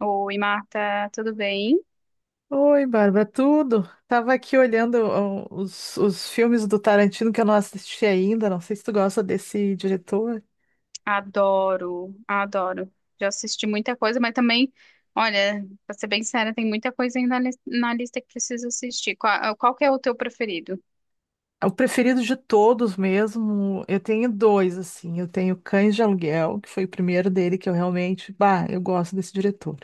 Oi, Marta, tudo bem? Oi, Bárbara, tudo? Tava aqui olhando os filmes do Tarantino que eu não assisti ainda. Não sei se tu gosta desse diretor. Adoro, adoro. Já assisti muita coisa, mas também, olha, pra ser bem séria, tem muita coisa ainda na lista que preciso assistir. Qual que é o teu preferido? É o preferido de todos mesmo. Eu tenho dois, assim. Eu tenho Cães de Aluguel, que foi o primeiro dele que eu realmente, bah, eu gosto desse diretor.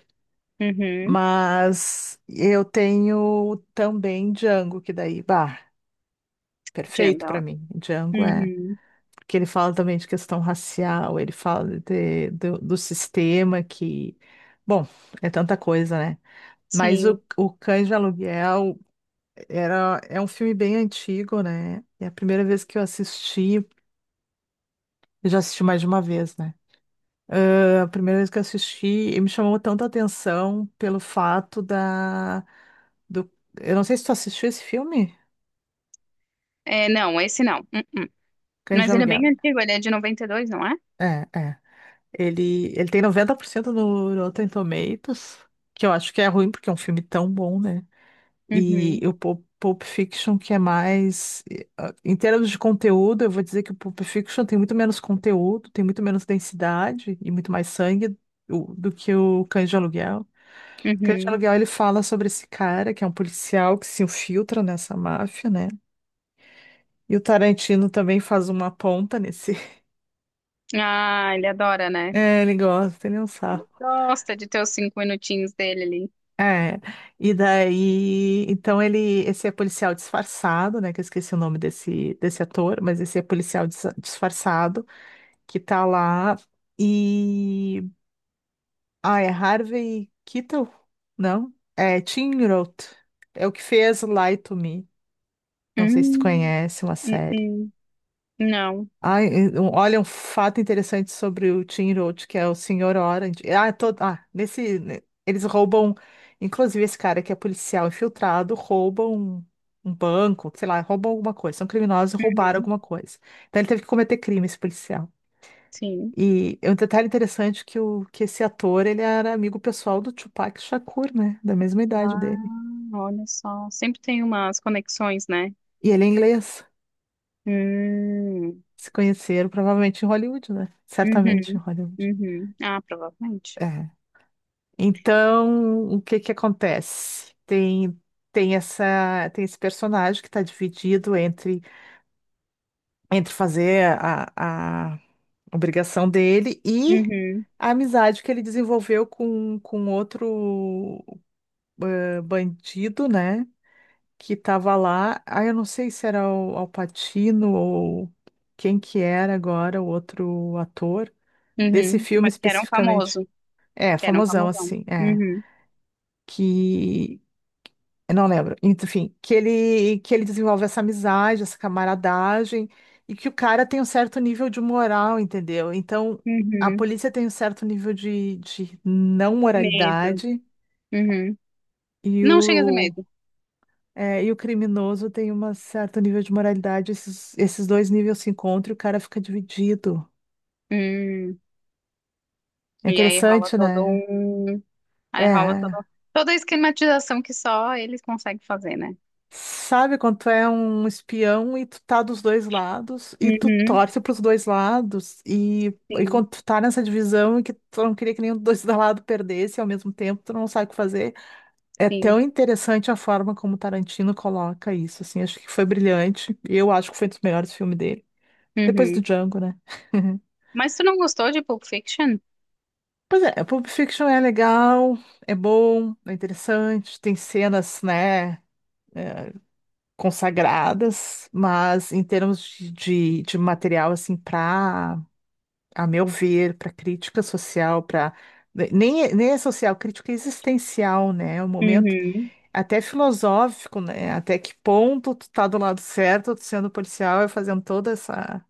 Uhum, Mas eu tenho também Django, que daí, bah, Jane perfeito da pra hora. mim. Django é Uhum, que ele fala também de questão racial, ele fala do sistema que, bom, é tanta coisa, né? Mas sim. o Cães de Aluguel é um filme bem antigo, né? É a primeira vez que eu assisti, eu já assisti mais de uma vez, né? Ah, a primeira vez que eu assisti, e me chamou tanta atenção pelo fato do, eu não sei se tu assistiu esse filme, É, não, esse não. Uh-uh. Cães de Mas ele é Aluguel. bem antigo, ele é de 92, não é? É, é. Ele tem 90% no Rotten Tomatoes, que eu acho que é ruim porque é um filme tão bom, né? E Uhum, o Pulp Fiction, que é mais. Em termos de conteúdo, eu vou dizer que o Pulp Fiction tem muito menos conteúdo, tem muito menos densidade e muito mais sangue do que o Cães de Aluguel. Cães de uhum. Aluguel, ele fala sobre esse cara, que é um policial que se infiltra nessa máfia, né? E o Tarantino também faz uma ponta nesse. Ah, ele adora, né? É, ele gosta, ele é um Ele sarro. gosta de ter os cinco minutinhos dele ali. É, e daí, então ele, esse é policial disfarçado, né, que eu esqueci o nome desse ator, mas esse é policial disfarçado, que tá lá, e, ah, é Harvey Keitel? Não? É Tim Roth, é o que fez Lie to Me, não sei se tu Hum, conhece uma série. uh-uh. Não. Ai, olha, um fato interessante sobre o Tim Roth, que é o Senhor Orange. Nesse, eles roubam, inclusive esse cara que é policial infiltrado, rouba um, um banco, sei lá, roubam alguma coisa. São criminosos e roubaram Uhum, alguma coisa. Então ele teve que cometer crime, esse policial. sim. E é um detalhe interessante que, que esse ator, ele era amigo pessoal do Tupac Shakur, né? Da mesma idade Ah, dele. olha só. Sempre tem umas conexões, né? E ele é inglês. Hum, Se conheceram provavelmente em Hollywood, né? Certamente em uhum, Hollywood. uhum. Ah, provavelmente. É. Então, o que que acontece? Tem esse personagem que está dividido entre fazer a obrigação dele e Uhum, a amizade que ele desenvolveu com outro bandido, né? Que estava lá. Ah, eu não sei se era o Al Pacino ou quem que era agora o outro ator desse uhum. filme Mas que era um especificamente. famoso. É, Que era um famosão famosão. assim, é. Uhum, Que eu não lembro. Enfim, que ele desenvolve essa amizade, essa camaradagem, e que o cara tem um certo nível de moral, entendeu? Então, a uhum. polícia tem um certo nível de não Medo. moralidade, Uhum. e Não chega a ter o, medo. é, e o criminoso tem um certo nível de moralidade. Esses dois níveis se encontram e o cara fica dividido. Hum. É E aí rola interessante, todo né? um... Aí rola É. todo... Toda a esquematização que só eles conseguem fazer, né? Sabe quando tu é um espião e tu tá dos dois lados e tu Uhum. torce pros dois lados e Sim, quando tu tá nessa divisão e que tu não queria que nenhum dos dois lados perdesse e ao mesmo tempo tu não sabe o que fazer. É sim. tão interessante a forma como o Tarantino coloca isso, assim, acho que foi brilhante. E eu acho que foi um dos melhores filmes dele. Depois do Uhum. Django, né? Mas tu não gostou de Pulp Fiction? Pois é, Pulp Fiction é legal, é bom, é interessante, tem cenas, né? É, consagradas, mas em termos de material, assim, para, a meu ver, para crítica social, para. Nem, nem é social, crítica é existencial, né? É um momento Uhum. até filosófico, né? Até que ponto tu tá do lado certo, tu sendo policial e fazendo toda essa,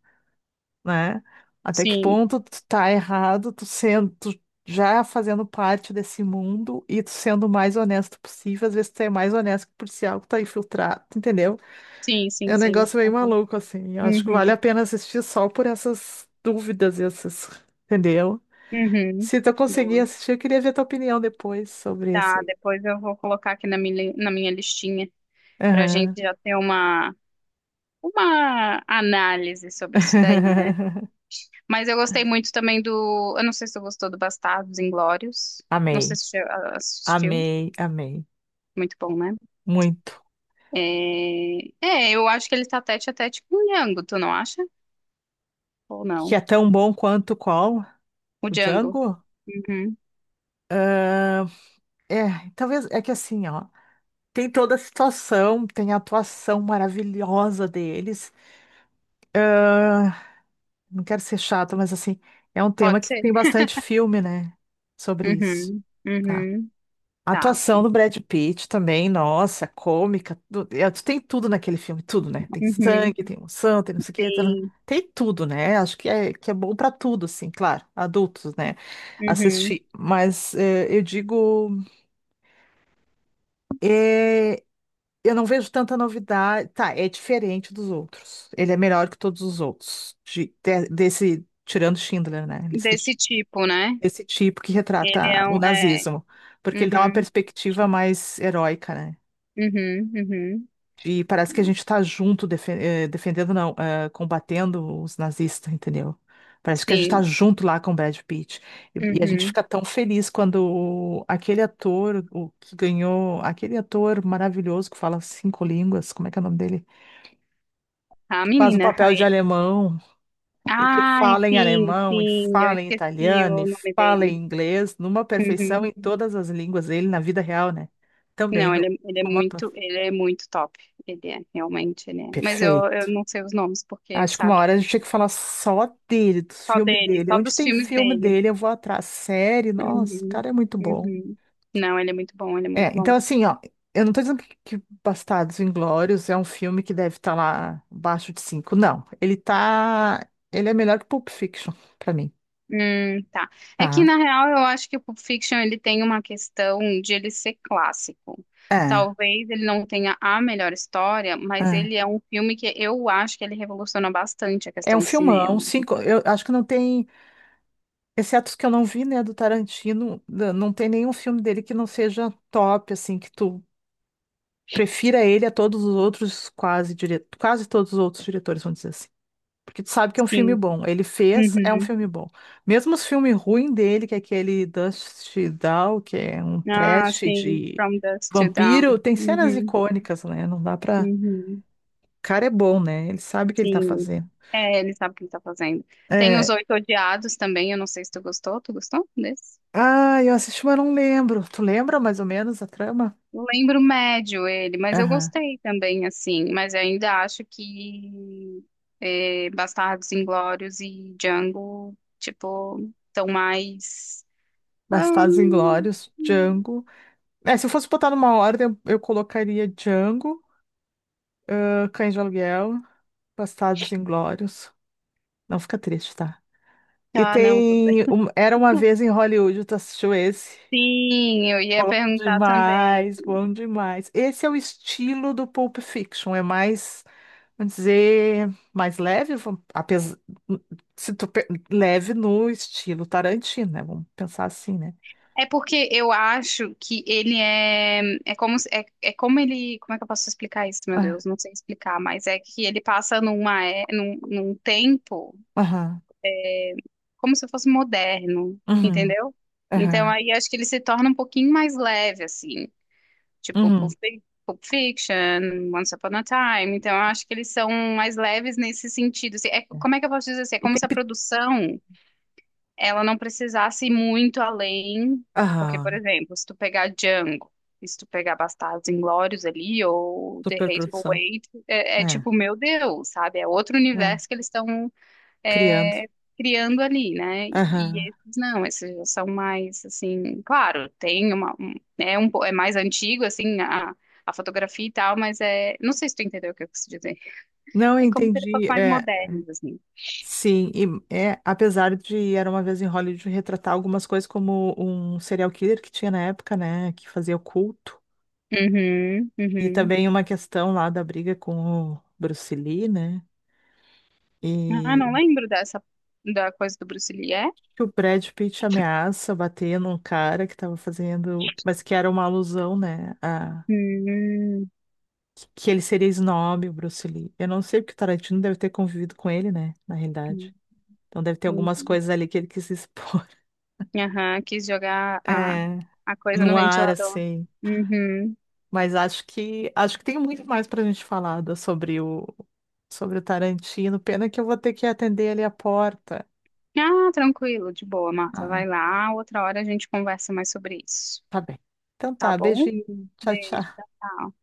né? Até que Sim, ponto tu tá errado, tu já fazendo parte desse mundo e tu sendo o mais honesto possível, às vezes tu é mais honesto que o policial que tá infiltrado, entendeu? Sim, É sim, um sim. negócio meio Aham. maluco, assim. Eu acho que vale a Uhum. pena assistir só por essas dúvidas e essas, entendeu? Uhum. Se tu conseguir Boa. assistir, eu queria ver tua opinião depois sobre esse Tá, aí. depois eu vou colocar aqui na minha listinha pra gente Aham. já ter uma análise sobre isso daí, né? Mas eu gostei muito também do. Eu não sei se você gostou do Bastardos Inglórios. Não sei Amei, se você assistiu. amei, amei. Muito bom, né? Muito. É... é, eu acho que ele tá tete a tete com o Django, tu não acha? Ou Que não? é tão bom quanto qual? O O Django. Django? Uhum. Ah, é, talvez é que assim, ó, tem toda a situação, tem a atuação maravilhosa deles. Ah, não quero ser chato, mas assim, é um tema Pode que ser? tem bastante filme, né? Sobre isso. Uhum. Tá. Uhum. A Tá. atuação do Brad Pitt também, nossa, cômica. Tu tem tudo naquele filme, tudo, né? Tem Uhum. sangue, tem emoção, tem não sei o quê. Tá, tá, tá. Sim. Tem tudo, né? Acho que que é bom pra tudo, assim, claro, adultos, né? Uhum. Assistir. Mas é, eu digo, é, eu não vejo tanta novidade. Tá, é diferente dos outros. Ele é melhor que todos os outros. Desse, tirando Schindler, né? Lista Desse de tipo, né? esse tipo que Ele retrata é o um. É. nazismo, porque ele dá uma Uhum. perspectiva mais heróica, né? Uhum. Uhum. E parece que a gente está junto, defendendo, não, combatendo os nazistas, entendeu? Parece que a gente está Sim. junto lá com o Brad Pitt. E a gente Uhum. fica tão feliz quando aquele ator, o que ganhou, aquele ator maravilhoso que fala cinco línguas, como é que é o nome dele? A Que faz um menina. papel de alemão. E que Ai, fala em sim, alemão, e sim. Eu fala em esqueci italiano, e o nome fala em dele. inglês, numa perfeição Uhum. em todas as línguas dele na vida real, né? Também Não, no, ele, como ator. Ele é muito top. Ele é, realmente, ele é. Mas eu Perfeito. não sei os nomes, porque, Acho que uma sabe? hora a gente tinha que falar só dele, dos Só filmes dele, dele. só Onde dos tem filmes filme dele. dele, eu vou atrás. Série, nossa, o Uhum. cara é muito bom. Uhum. Não, ele é muito bom, ele é É, muito bom. então assim, ó, eu não tô dizendo que Bastardos Inglórios é um filme que deve estar lá abaixo de cinco, não. Ele é melhor que Pulp Fiction, pra mim, Tá. É que, tá? na real, eu acho que o Pulp Fiction ele tem uma questão de ele ser clássico. É, Talvez ele não tenha a melhor história, mas é. ele é um filme que eu acho que ele revoluciona bastante a É um questão do filmão, cinema. cinco, eu acho que não tem, exceto os que eu não vi, né, do Tarantino, não tem nenhum filme dele que não seja top, assim, que tu prefira ele a todos os outros, quase, quase todos os outros diretores, vamos dizer assim. Porque tu sabe que é um filme Sim. bom, ele fez, é um Uhum. filme bom. Mesmo os filmes ruins dele, que é aquele Dust Down, que é um Ah, trash sim. de From Dusk to vampiro, Dawn. tem cenas Uhum. icônicas, né, não dá pra... Uhum. O cara é bom, né, ele sabe o que ele tá Sim. fazendo. É, ele sabe o que ele tá fazendo. Tem Os É, Oito Odiados também, eu não sei se tu gostou. Tu gostou desse? ah, eu assisti, mas não lembro. Tu lembra mais ou menos a trama? Eu lembro médio ele, mas eu Aham. gostei também, assim. Mas eu ainda acho que é, Bastardos Inglórios e Django, tipo, estão mais. Bastardos Ahn, Inglórios, Django. É, se eu fosse botar numa ordem, eu colocaria Django, ah, Cães de Aluguel, Bastardos Inglórios. Não fica triste, tá? E tá, não, tudo bem. tem Era Uma Vez em Hollywood, tu assistiu esse? Sim, eu ia Bom perguntar também. demais, bom demais. Esse é o estilo do Pulp Fiction, é mais vamos dizer mais leve, vamos- apes- se tu pe- leve no estilo Tarantino, né? Vamos pensar assim, né? É porque eu acho que ele é. É como, é, é como ele. Como é que eu posso explicar isso, meu Ah, Deus? Não sei explicar, mas é que ele passa numa, num, num tempo. aham, Como se fosse moderno, uhum, entendeu? Então aham, aí acho que ele se torna um pouquinho mais leve, assim, tipo uhum. Pulp Fiction, Once Upon a Time. Então eu acho que eles são mais leves nesse sentido, assim. É, É. como é que eu posso dizer assim? É E como tem se a que. produção ela não precisasse ir muito além, porque, por Aham, exemplo, se tu pegar Django. E se tu pegar Bastardos Inglórios ali, ou The Hateful superprodução. Eight, é, é É, tipo, meu Deus, sabe? É outro é, universo que eles estão criando. é, criando ali, né? E Aham. esses não, esses já são mais assim, claro, tem é é mais antigo assim a fotografia e tal, mas é não sei se tu entendeu o que eu quis dizer. Não, eu É como ser um pouco entendi. mais É, modernos assim. sim, e, é, apesar de Era Uma Vez em Hollywood retratar algumas coisas como um serial killer que tinha na época, né? Que fazia o culto. Uhum, E uhum. também uma questão lá da briga com o Bruce Lee, né? Ah, E não lembro dessa da coisa do Bruce Lee, é? que o Brad Pitt ameaça bater num cara que tava fazendo, mas que era uma alusão, né, a Hum, que ele seria snob, o Bruce Lee. Eu não sei porque o Tarantino deve ter convivido com ele, né, na realidade. Então deve ter algumas entendi. coisas ali que ele quis expor. Aham, quis jogar É, a coisa no no ar ventilador. assim. Uhum. Mas acho que tem muito mais pra gente falar sobre o sobre o Tarantino. Pena que eu vou ter que atender ali a porta. Ah, tranquilo, de boa, Marta. Ah, Vai lá. Outra hora a gente conversa mais sobre isso. tá bem. Então Tá tá, bom? beijinho. Tchau, Beijo, tchau. tchau, tchau.